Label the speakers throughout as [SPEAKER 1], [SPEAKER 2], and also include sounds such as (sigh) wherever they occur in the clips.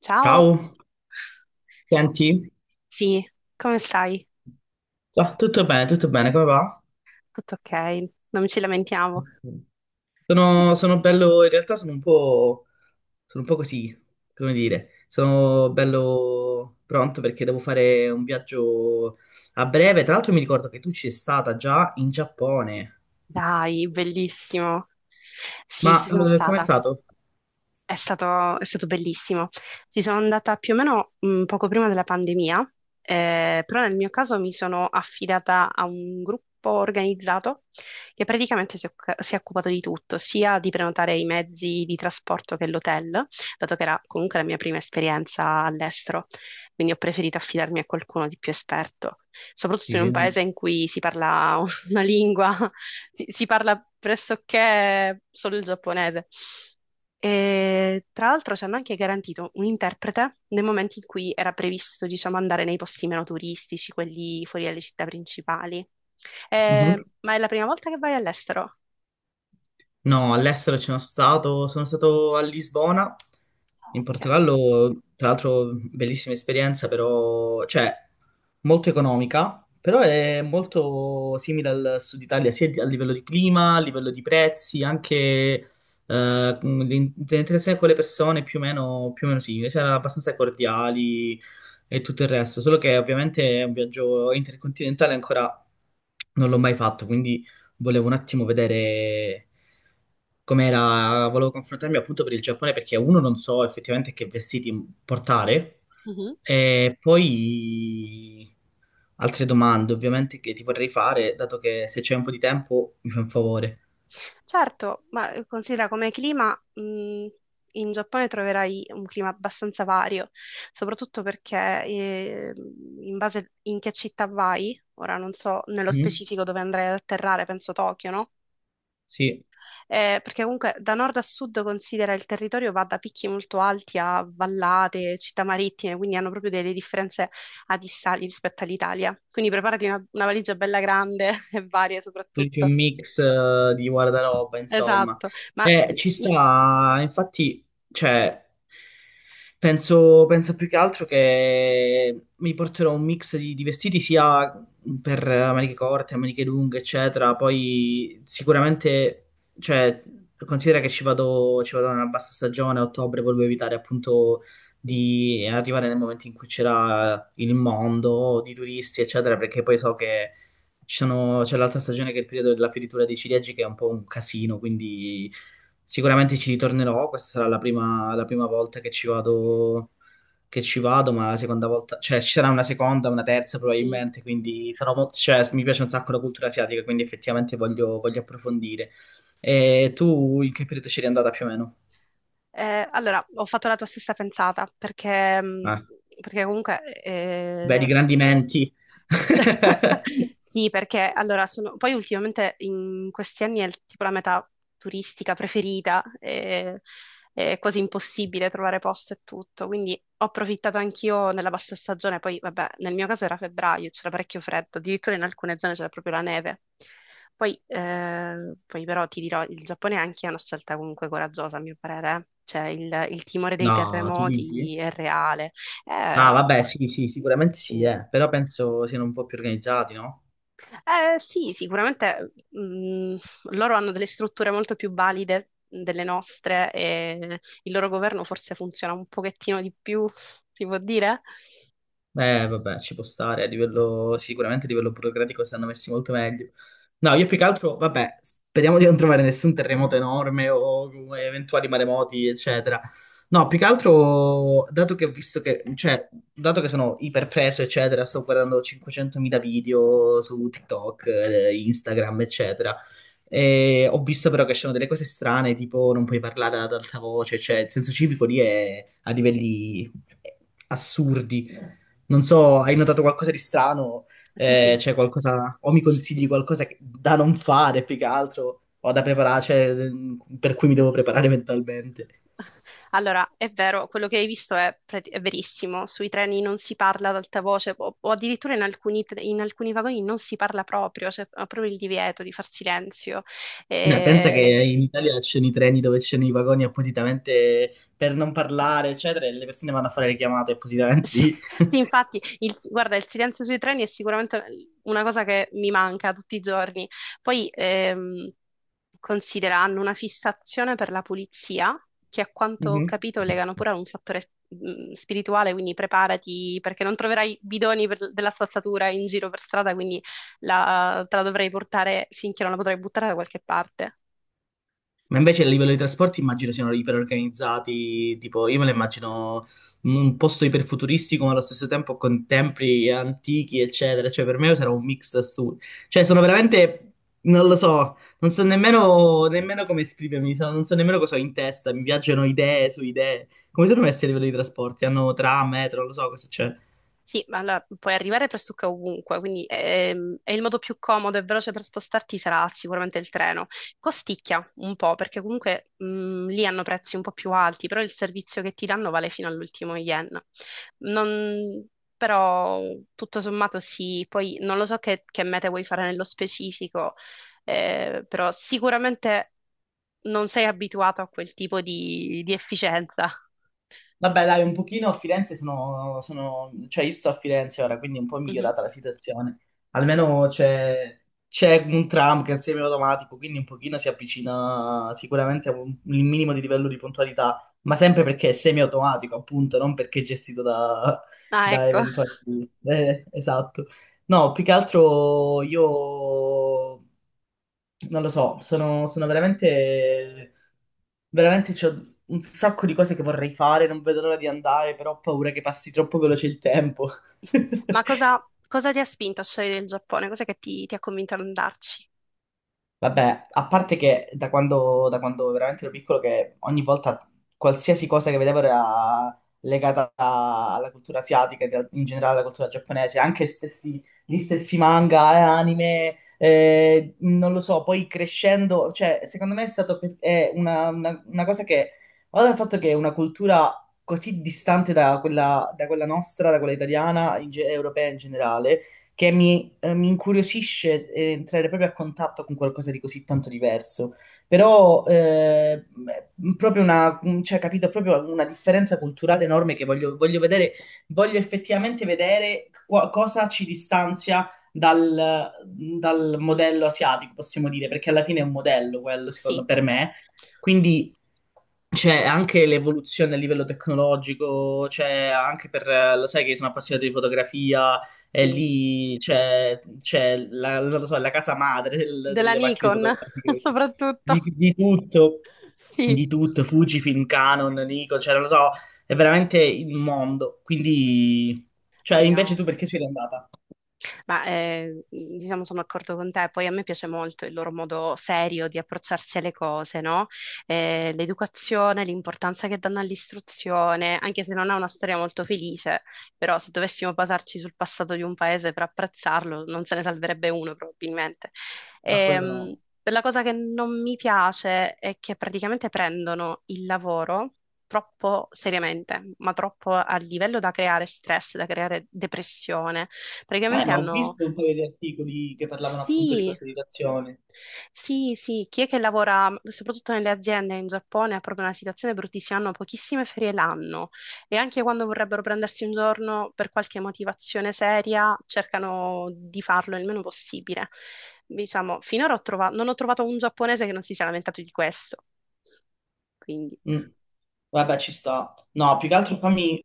[SPEAKER 1] Ciao,
[SPEAKER 2] Ciao, senti?
[SPEAKER 1] sì, come stai?
[SPEAKER 2] Tutto bene, tutto bene, come va?
[SPEAKER 1] Tutto ok, non ci lamentiamo. Eh,
[SPEAKER 2] Sono bello, in realtà sono sono un po' così, come dire, sono bello pronto perché devo fare un viaggio a breve. Tra l'altro mi ricordo che tu ci sei stata già in Giappone,
[SPEAKER 1] Dai, bellissimo. Sì,
[SPEAKER 2] ma
[SPEAKER 1] ci sono
[SPEAKER 2] com'è
[SPEAKER 1] stata.
[SPEAKER 2] stato?
[SPEAKER 1] È stato bellissimo. Ci sono andata più o meno poco prima della pandemia, però nel mio caso mi sono affidata a un gruppo organizzato che praticamente si è occupato di tutto, sia di prenotare i mezzi di trasporto che l'hotel, dato che era comunque la mia prima esperienza all'estero, quindi ho preferito affidarmi a qualcuno di più esperto, soprattutto in un
[SPEAKER 2] Sì.
[SPEAKER 1] paese in cui si parla (laughs) una lingua, si parla pressoché solo il giapponese. E tra l'altro ci hanno anche garantito un interprete nel momento in cui era previsto, diciamo, andare nei posti meno turistici, quelli fuori dalle città principali.
[SPEAKER 2] Mhm.
[SPEAKER 1] Ma è la prima volta che vai all'estero?
[SPEAKER 2] No, all'estero ci sono stato a Lisbona, in
[SPEAKER 1] Ok.
[SPEAKER 2] Portogallo, tra l'altro bellissima esperienza, però, cioè, molto economica, però è molto simile al sud Italia, a livello di clima, a livello di prezzi, anche l'interazione con le persone più o meno simile, cioè, abbastanza cordiali e tutto il resto, solo che ovviamente è un viaggio intercontinentale ancora non l'ho mai fatto, quindi volevo un attimo vedere com'era, volevo confrontarmi appunto per il Giappone perché uno non so effettivamente che vestiti portare
[SPEAKER 1] Mhm.
[SPEAKER 2] e poi altre domande ovviamente che ti vorrei fare, dato che se c'è un po' di tempo mi fai un favore.
[SPEAKER 1] Certo, ma considera come clima, in Giappone troverai un clima abbastanza vario, soprattutto perché in base in che città vai, ora non so nello
[SPEAKER 2] Mm?
[SPEAKER 1] specifico dove andrai ad atterrare, penso Tokyo, no?
[SPEAKER 2] Sì.
[SPEAKER 1] Perché comunque da nord a sud considera il territorio va da picchi molto alti a vallate, città marittime, quindi hanno proprio delle differenze abissali rispetto all'Italia. Quindi preparati una valigia bella grande (laughs) e varie
[SPEAKER 2] Tutti un
[SPEAKER 1] soprattutto.
[SPEAKER 2] mix di guardaroba, insomma.
[SPEAKER 1] Esatto, ma
[SPEAKER 2] Ci
[SPEAKER 1] i-
[SPEAKER 2] sta, infatti, cioè, penso più che altro che mi porterò un mix di vestiti sia per maniche corte, maniche lunghe, eccetera. Poi sicuramente, cioè, considera che ci vado nella bassa stagione, a ottobre, volevo evitare appunto
[SPEAKER 1] i-
[SPEAKER 2] di arrivare nel momento in cui c'era il mondo di turisti, eccetera, perché poi so che c'è l'altra stagione che è il periodo della fioritura dei ciliegi, che è un po' un casino, quindi sicuramente ci ritornerò. Questa sarà la prima volta che ci vado, ma la seconda volta, cioè ci sarà una seconda, una terza
[SPEAKER 1] sì.
[SPEAKER 2] probabilmente, quindi sarò molto, cioè, mi piace un sacco la cultura asiatica, quindi effettivamente voglio approfondire. E tu in che periodo c'eri andata più o meno?
[SPEAKER 1] Allora ho fatto la tua stessa pensata perché, mh,
[SPEAKER 2] Eh,
[SPEAKER 1] perché comunque
[SPEAKER 2] vedi, eh, grandi menti. (laughs)
[SPEAKER 1] (laughs) sì, perché allora sono... Poi ultimamente in questi anni tipo la meta turistica preferita, è quasi impossibile trovare posto e tutto, quindi ho approfittato anch'io nella bassa stagione, poi vabbè, nel mio caso era febbraio, c'era parecchio freddo, addirittura in alcune zone c'era proprio la neve. Poi, poi però ti dirò, il Giappone anche è una scelta comunque coraggiosa, a mio parere, eh. Cioè il timore dei
[SPEAKER 2] No, tu dici?
[SPEAKER 1] terremoti è reale.
[SPEAKER 2] Ah,
[SPEAKER 1] Eh,
[SPEAKER 2] vabbè, sì, sì, sicuramente sì,
[SPEAKER 1] sì.
[SPEAKER 2] eh. Però penso siano un po' più organizzati, no?
[SPEAKER 1] Sì, sicuramente loro hanno delle strutture molto più valide delle nostre e il loro governo forse funziona un pochettino di più, si può dire?
[SPEAKER 2] Vabbè, ci può stare, a livello, sicuramente a livello burocratico stanno messi molto meglio. No, io più che altro, vabbè, speriamo di non trovare nessun terremoto enorme o come eventuali maremoti, eccetera. No, più che altro, dato che ho visto che, cioè, dato che sono iperpreso, eccetera, sto guardando 500.000 video su TikTok, Instagram, eccetera. E ho visto però che ci sono delle cose strane, tipo non puoi parlare ad alta voce, cioè il senso civico lì è a livelli eh, assurdi. Non so, hai notato qualcosa di strano?
[SPEAKER 1] Sì, sì.
[SPEAKER 2] C'è qualcosa, o mi consigli qualcosa da non fare più che altro, o da preparare, cioè, mm, per cui mi devo preparare mentalmente.
[SPEAKER 1] Allora, è vero, quello che hai visto è verissimo. Sui treni non si parla ad alta voce o addirittura in alcuni vagoni non si parla proprio, c'è proprio il divieto di far silenzio.
[SPEAKER 2] Pensa che
[SPEAKER 1] Eh,
[SPEAKER 2] in Italia ci sono i treni dove ci sono i vagoni appositamente per non parlare, eccetera, e le persone vanno a fare le chiamate appositamente
[SPEAKER 1] Sì,
[SPEAKER 2] lì.
[SPEAKER 1] (laughs) sì,
[SPEAKER 2] (laughs)
[SPEAKER 1] infatti, guarda, il silenzio sui treni è sicuramente una cosa che mi manca tutti i giorni. Poi considera, hanno una fissazione per la pulizia, che a quanto ho
[SPEAKER 2] Mhm.
[SPEAKER 1] capito legano pure a un fattore spirituale, quindi preparati perché non troverai della spazzatura in giro per strada, quindi te la dovrei portare finché non la potrai buttare da qualche parte.
[SPEAKER 2] Ma invece a livello di trasporti immagino siano iperorganizzati, tipo io me lo immagino un posto iperfuturistico ma allo stesso tempo con templi antichi eccetera, cioè per me sarà un mix assurdo, cioè sono veramente, non lo so, non so nemmeno, nemmeno come esprimermi, non so nemmeno cosa ho in testa, mi viaggiano idee su idee, come sono messi a livello di trasporti, hanno tram, metro, non lo so cosa c'è.
[SPEAKER 1] Sì, ma allora puoi arrivare pressoché ovunque, quindi è il modo più comodo e veloce per spostarti sarà sicuramente il treno. Costicchia un po', perché comunque lì hanno prezzi un po' più alti, però il servizio che ti danno vale fino all'ultimo yen. Non- però tutto sommato sì, poi non lo so che mete vuoi fare nello specifico, però sicuramente non sei abituato a quel tipo di efficienza.
[SPEAKER 2] Vabbè, dai, un pochino a Firenze cioè io sto a Firenze ora, quindi è un po'
[SPEAKER 1] Mhm.
[SPEAKER 2] migliorata la situazione. Almeno c'è un tram che è semiautomatico, quindi un pochino si avvicina sicuramente a un, il minimo di livello di puntualità, ma sempre perché è semiautomatico, appunto, non perché è gestito da,
[SPEAKER 1] Ah,
[SPEAKER 2] da
[SPEAKER 1] ecco.
[SPEAKER 2] eventuali... esatto. No, più che altro io non lo so, sono veramente veramente c'ho un sacco di cose che vorrei fare, non vedo l'ora di andare, però ho paura che passi troppo veloce il tempo. (laughs)
[SPEAKER 1] Ma cosa ti ha spinto a scegliere il Giappone? Cos'è che ti ha convinto ad andarci?
[SPEAKER 2] Vabbè, a parte che da quando veramente ero piccolo, che ogni volta qualsiasi cosa che vedevo era legata alla cultura asiatica, in generale alla cultura giapponese, gli stessi manga, anime, non lo so, poi crescendo, cioè, secondo me è stato è una cosa che, guarda il fatto che è una cultura così distante da quella nostra, da quella italiana, europea in generale che mi, mi incuriosisce entrare proprio a contatto con qualcosa di così tanto diverso. Però proprio una, cioè, capito, proprio una differenza culturale enorme che voglio vedere, voglio effettivamente vedere cosa ci distanzia dal, dal modello asiatico, possiamo dire, perché alla fine è un modello quello, secondo
[SPEAKER 1] Sì,
[SPEAKER 2] per me. Quindi c'è anche l'evoluzione a livello tecnologico, c'è anche per, lo sai che sono appassionato di fotografia, e
[SPEAKER 1] sì.
[SPEAKER 2] lì c'è la, non lo so, la casa madre
[SPEAKER 1] Della
[SPEAKER 2] delle macchine
[SPEAKER 1] Nikon, (laughs)
[SPEAKER 2] fotografiche, di,
[SPEAKER 1] soprattutto.
[SPEAKER 2] di tutto,
[SPEAKER 1] Sì,
[SPEAKER 2] di tutto, Fujifilm, Canon, Nikon, cioè non lo so, è veramente il mondo. Quindi, cioè
[SPEAKER 1] sì,
[SPEAKER 2] invece
[SPEAKER 1] no.
[SPEAKER 2] tu perché sei andata?
[SPEAKER 1] Ma diciamo sono d'accordo con te, poi a me piace molto il loro modo serio di approcciarsi alle cose, no? L'educazione, l'importanza che danno all'istruzione, anche se non è una storia molto felice, però se dovessimo basarci sul passato di un paese per apprezzarlo, non se ne salverebbe uno probabilmente.
[SPEAKER 2] A quello
[SPEAKER 1] Ehm,
[SPEAKER 2] no.
[SPEAKER 1] la cosa che non mi piace è che praticamente prendono il lavoro troppo seriamente, ma troppo a livello da creare stress, da creare depressione. Praticamente
[SPEAKER 2] Ma ho
[SPEAKER 1] hanno...
[SPEAKER 2] visto un paio di articoli che parlavano appunto di
[SPEAKER 1] Sì,
[SPEAKER 2] questa situazione.
[SPEAKER 1] sì, sì, chi è che lavora soprattutto nelle aziende in Giappone ha proprio una situazione bruttissima, hanno pochissime ferie l'anno e anche quando vorrebbero prendersi un giorno per qualche motivazione seria cercano di farlo il meno possibile. Diciamo, finora non ho trovato un giapponese che non si sia lamentato di questo, quindi
[SPEAKER 2] Mm. Vabbè, ci sta. No, più che altro fammi...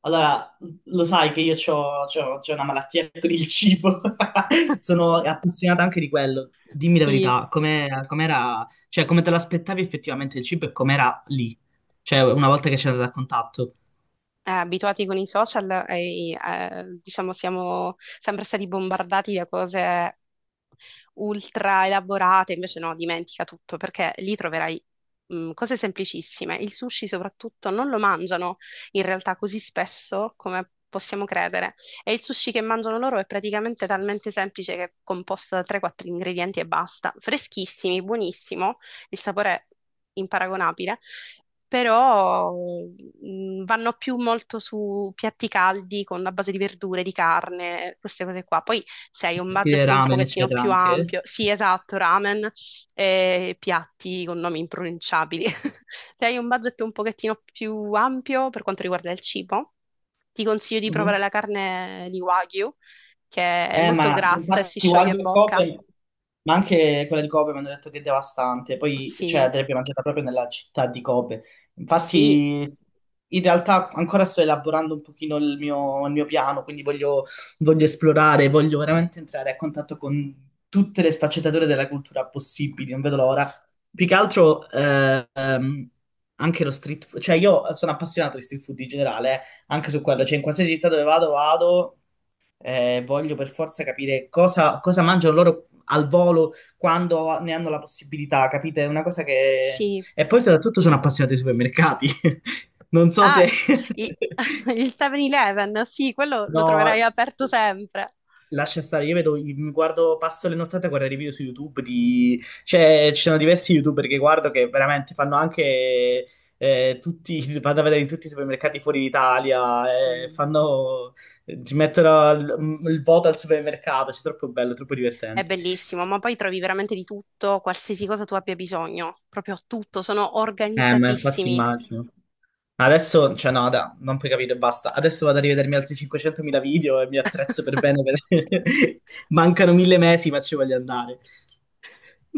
[SPEAKER 2] Allora, lo sai che io c'ho una malattia (laughs) con il cibo. (laughs)
[SPEAKER 1] (laughs)
[SPEAKER 2] Sono appassionata anche di quello. Dimmi la
[SPEAKER 1] sì,
[SPEAKER 2] verità, com'era... Cioè, come te l'aspettavi effettivamente il cibo e com'era lì? Cioè, una volta che c'è andato a contatto.
[SPEAKER 1] abituati con i social diciamo siamo sempre stati bombardati da cose ultra elaborate, invece no, dimentica tutto perché lì troverai cose semplicissime. Il sushi soprattutto non lo mangiano in realtà così spesso come possiamo credere e il sushi che mangiano loro è praticamente talmente semplice che è composto da 3-4 ingredienti e basta. Freschissimi, buonissimo, il sapore è imparagonabile però vanno più molto su piatti caldi con la base di verdure, di carne, queste cose qua. Poi se hai un
[SPEAKER 2] Ti dei
[SPEAKER 1] budget un
[SPEAKER 2] ramen,
[SPEAKER 1] pochettino
[SPEAKER 2] eccetera,
[SPEAKER 1] più
[SPEAKER 2] anche.
[SPEAKER 1] ampio, sì, esatto, ramen e piatti con nomi impronunciabili. (laughs) Se hai un budget un pochettino più ampio per quanto riguarda il cibo, ti consiglio di provare la carne di Wagyu, che è molto
[SPEAKER 2] Ma
[SPEAKER 1] grassa e si
[SPEAKER 2] infatti
[SPEAKER 1] scioglie
[SPEAKER 2] Wagyu
[SPEAKER 1] in
[SPEAKER 2] e
[SPEAKER 1] bocca.
[SPEAKER 2] Kobe, ma anche quella di Kobe mi hanno detto che è devastante, poi cioè,
[SPEAKER 1] Sì,
[SPEAKER 2] andrebbe mangiata proprio nella città di Kobe.
[SPEAKER 1] sì,
[SPEAKER 2] Infatti, in realtà ancora sto elaborando un pochino il mio piano, quindi voglio esplorare, voglio veramente entrare a contatto con tutte le sfaccettature della cultura possibili, non vedo l'ora. Più che altro anche lo street food, cioè io sono appassionato di street food in generale, anche su quello, cioè in qualsiasi città dove vado. Voglio per forza capire cosa mangiano loro al volo quando ne hanno la possibilità, capite? È una cosa che...
[SPEAKER 1] sì.
[SPEAKER 2] E poi soprattutto sono appassionato ai supermercati. (laughs) Non so
[SPEAKER 1] Ah,
[SPEAKER 2] se...
[SPEAKER 1] i-
[SPEAKER 2] (laughs)
[SPEAKER 1] (laughs) il 7-Eleven, sì, quello lo troverai
[SPEAKER 2] No.
[SPEAKER 1] aperto sempre.
[SPEAKER 2] Lascia stare, io vedo, mi guardo, passo le nottate a guardare i video su YouTube di... Cioè, ci sono diversi YouTuber che guardo che veramente fanno anche tutti, (laughs) vanno a vedere in tutti i supermercati fuori d'Italia,
[SPEAKER 1] Mm.
[SPEAKER 2] fanno, ti mettono il voto al supermercato, cioè, è troppo bello, troppo
[SPEAKER 1] È
[SPEAKER 2] divertente.
[SPEAKER 1] bellissimo, ma poi trovi veramente di tutto, qualsiasi cosa tu abbia bisogno, proprio tutto, sono
[SPEAKER 2] Ma infatti
[SPEAKER 1] organizzatissimi.
[SPEAKER 2] immagino. Adesso, cioè no, da, non puoi capire, basta. Adesso vado a rivedermi altri 500.000 video e mi attrezzo per bene.
[SPEAKER 1] (laughs)
[SPEAKER 2] (laughs) Mancano mille mesi, ma ci voglio andare.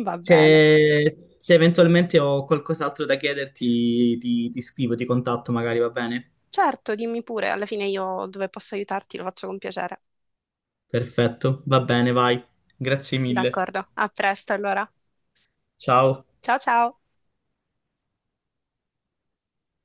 [SPEAKER 1] Va bene.
[SPEAKER 2] Se eventualmente ho qualcos'altro da chiederti, ti scrivo, ti contatto magari, va bene?
[SPEAKER 1] Certo, dimmi pure, alla fine io dove posso aiutarti lo faccio con piacere.
[SPEAKER 2] Perfetto, va bene, vai. Grazie mille.
[SPEAKER 1] D'accordo, a presto allora.
[SPEAKER 2] Ciao.
[SPEAKER 1] Ciao ciao!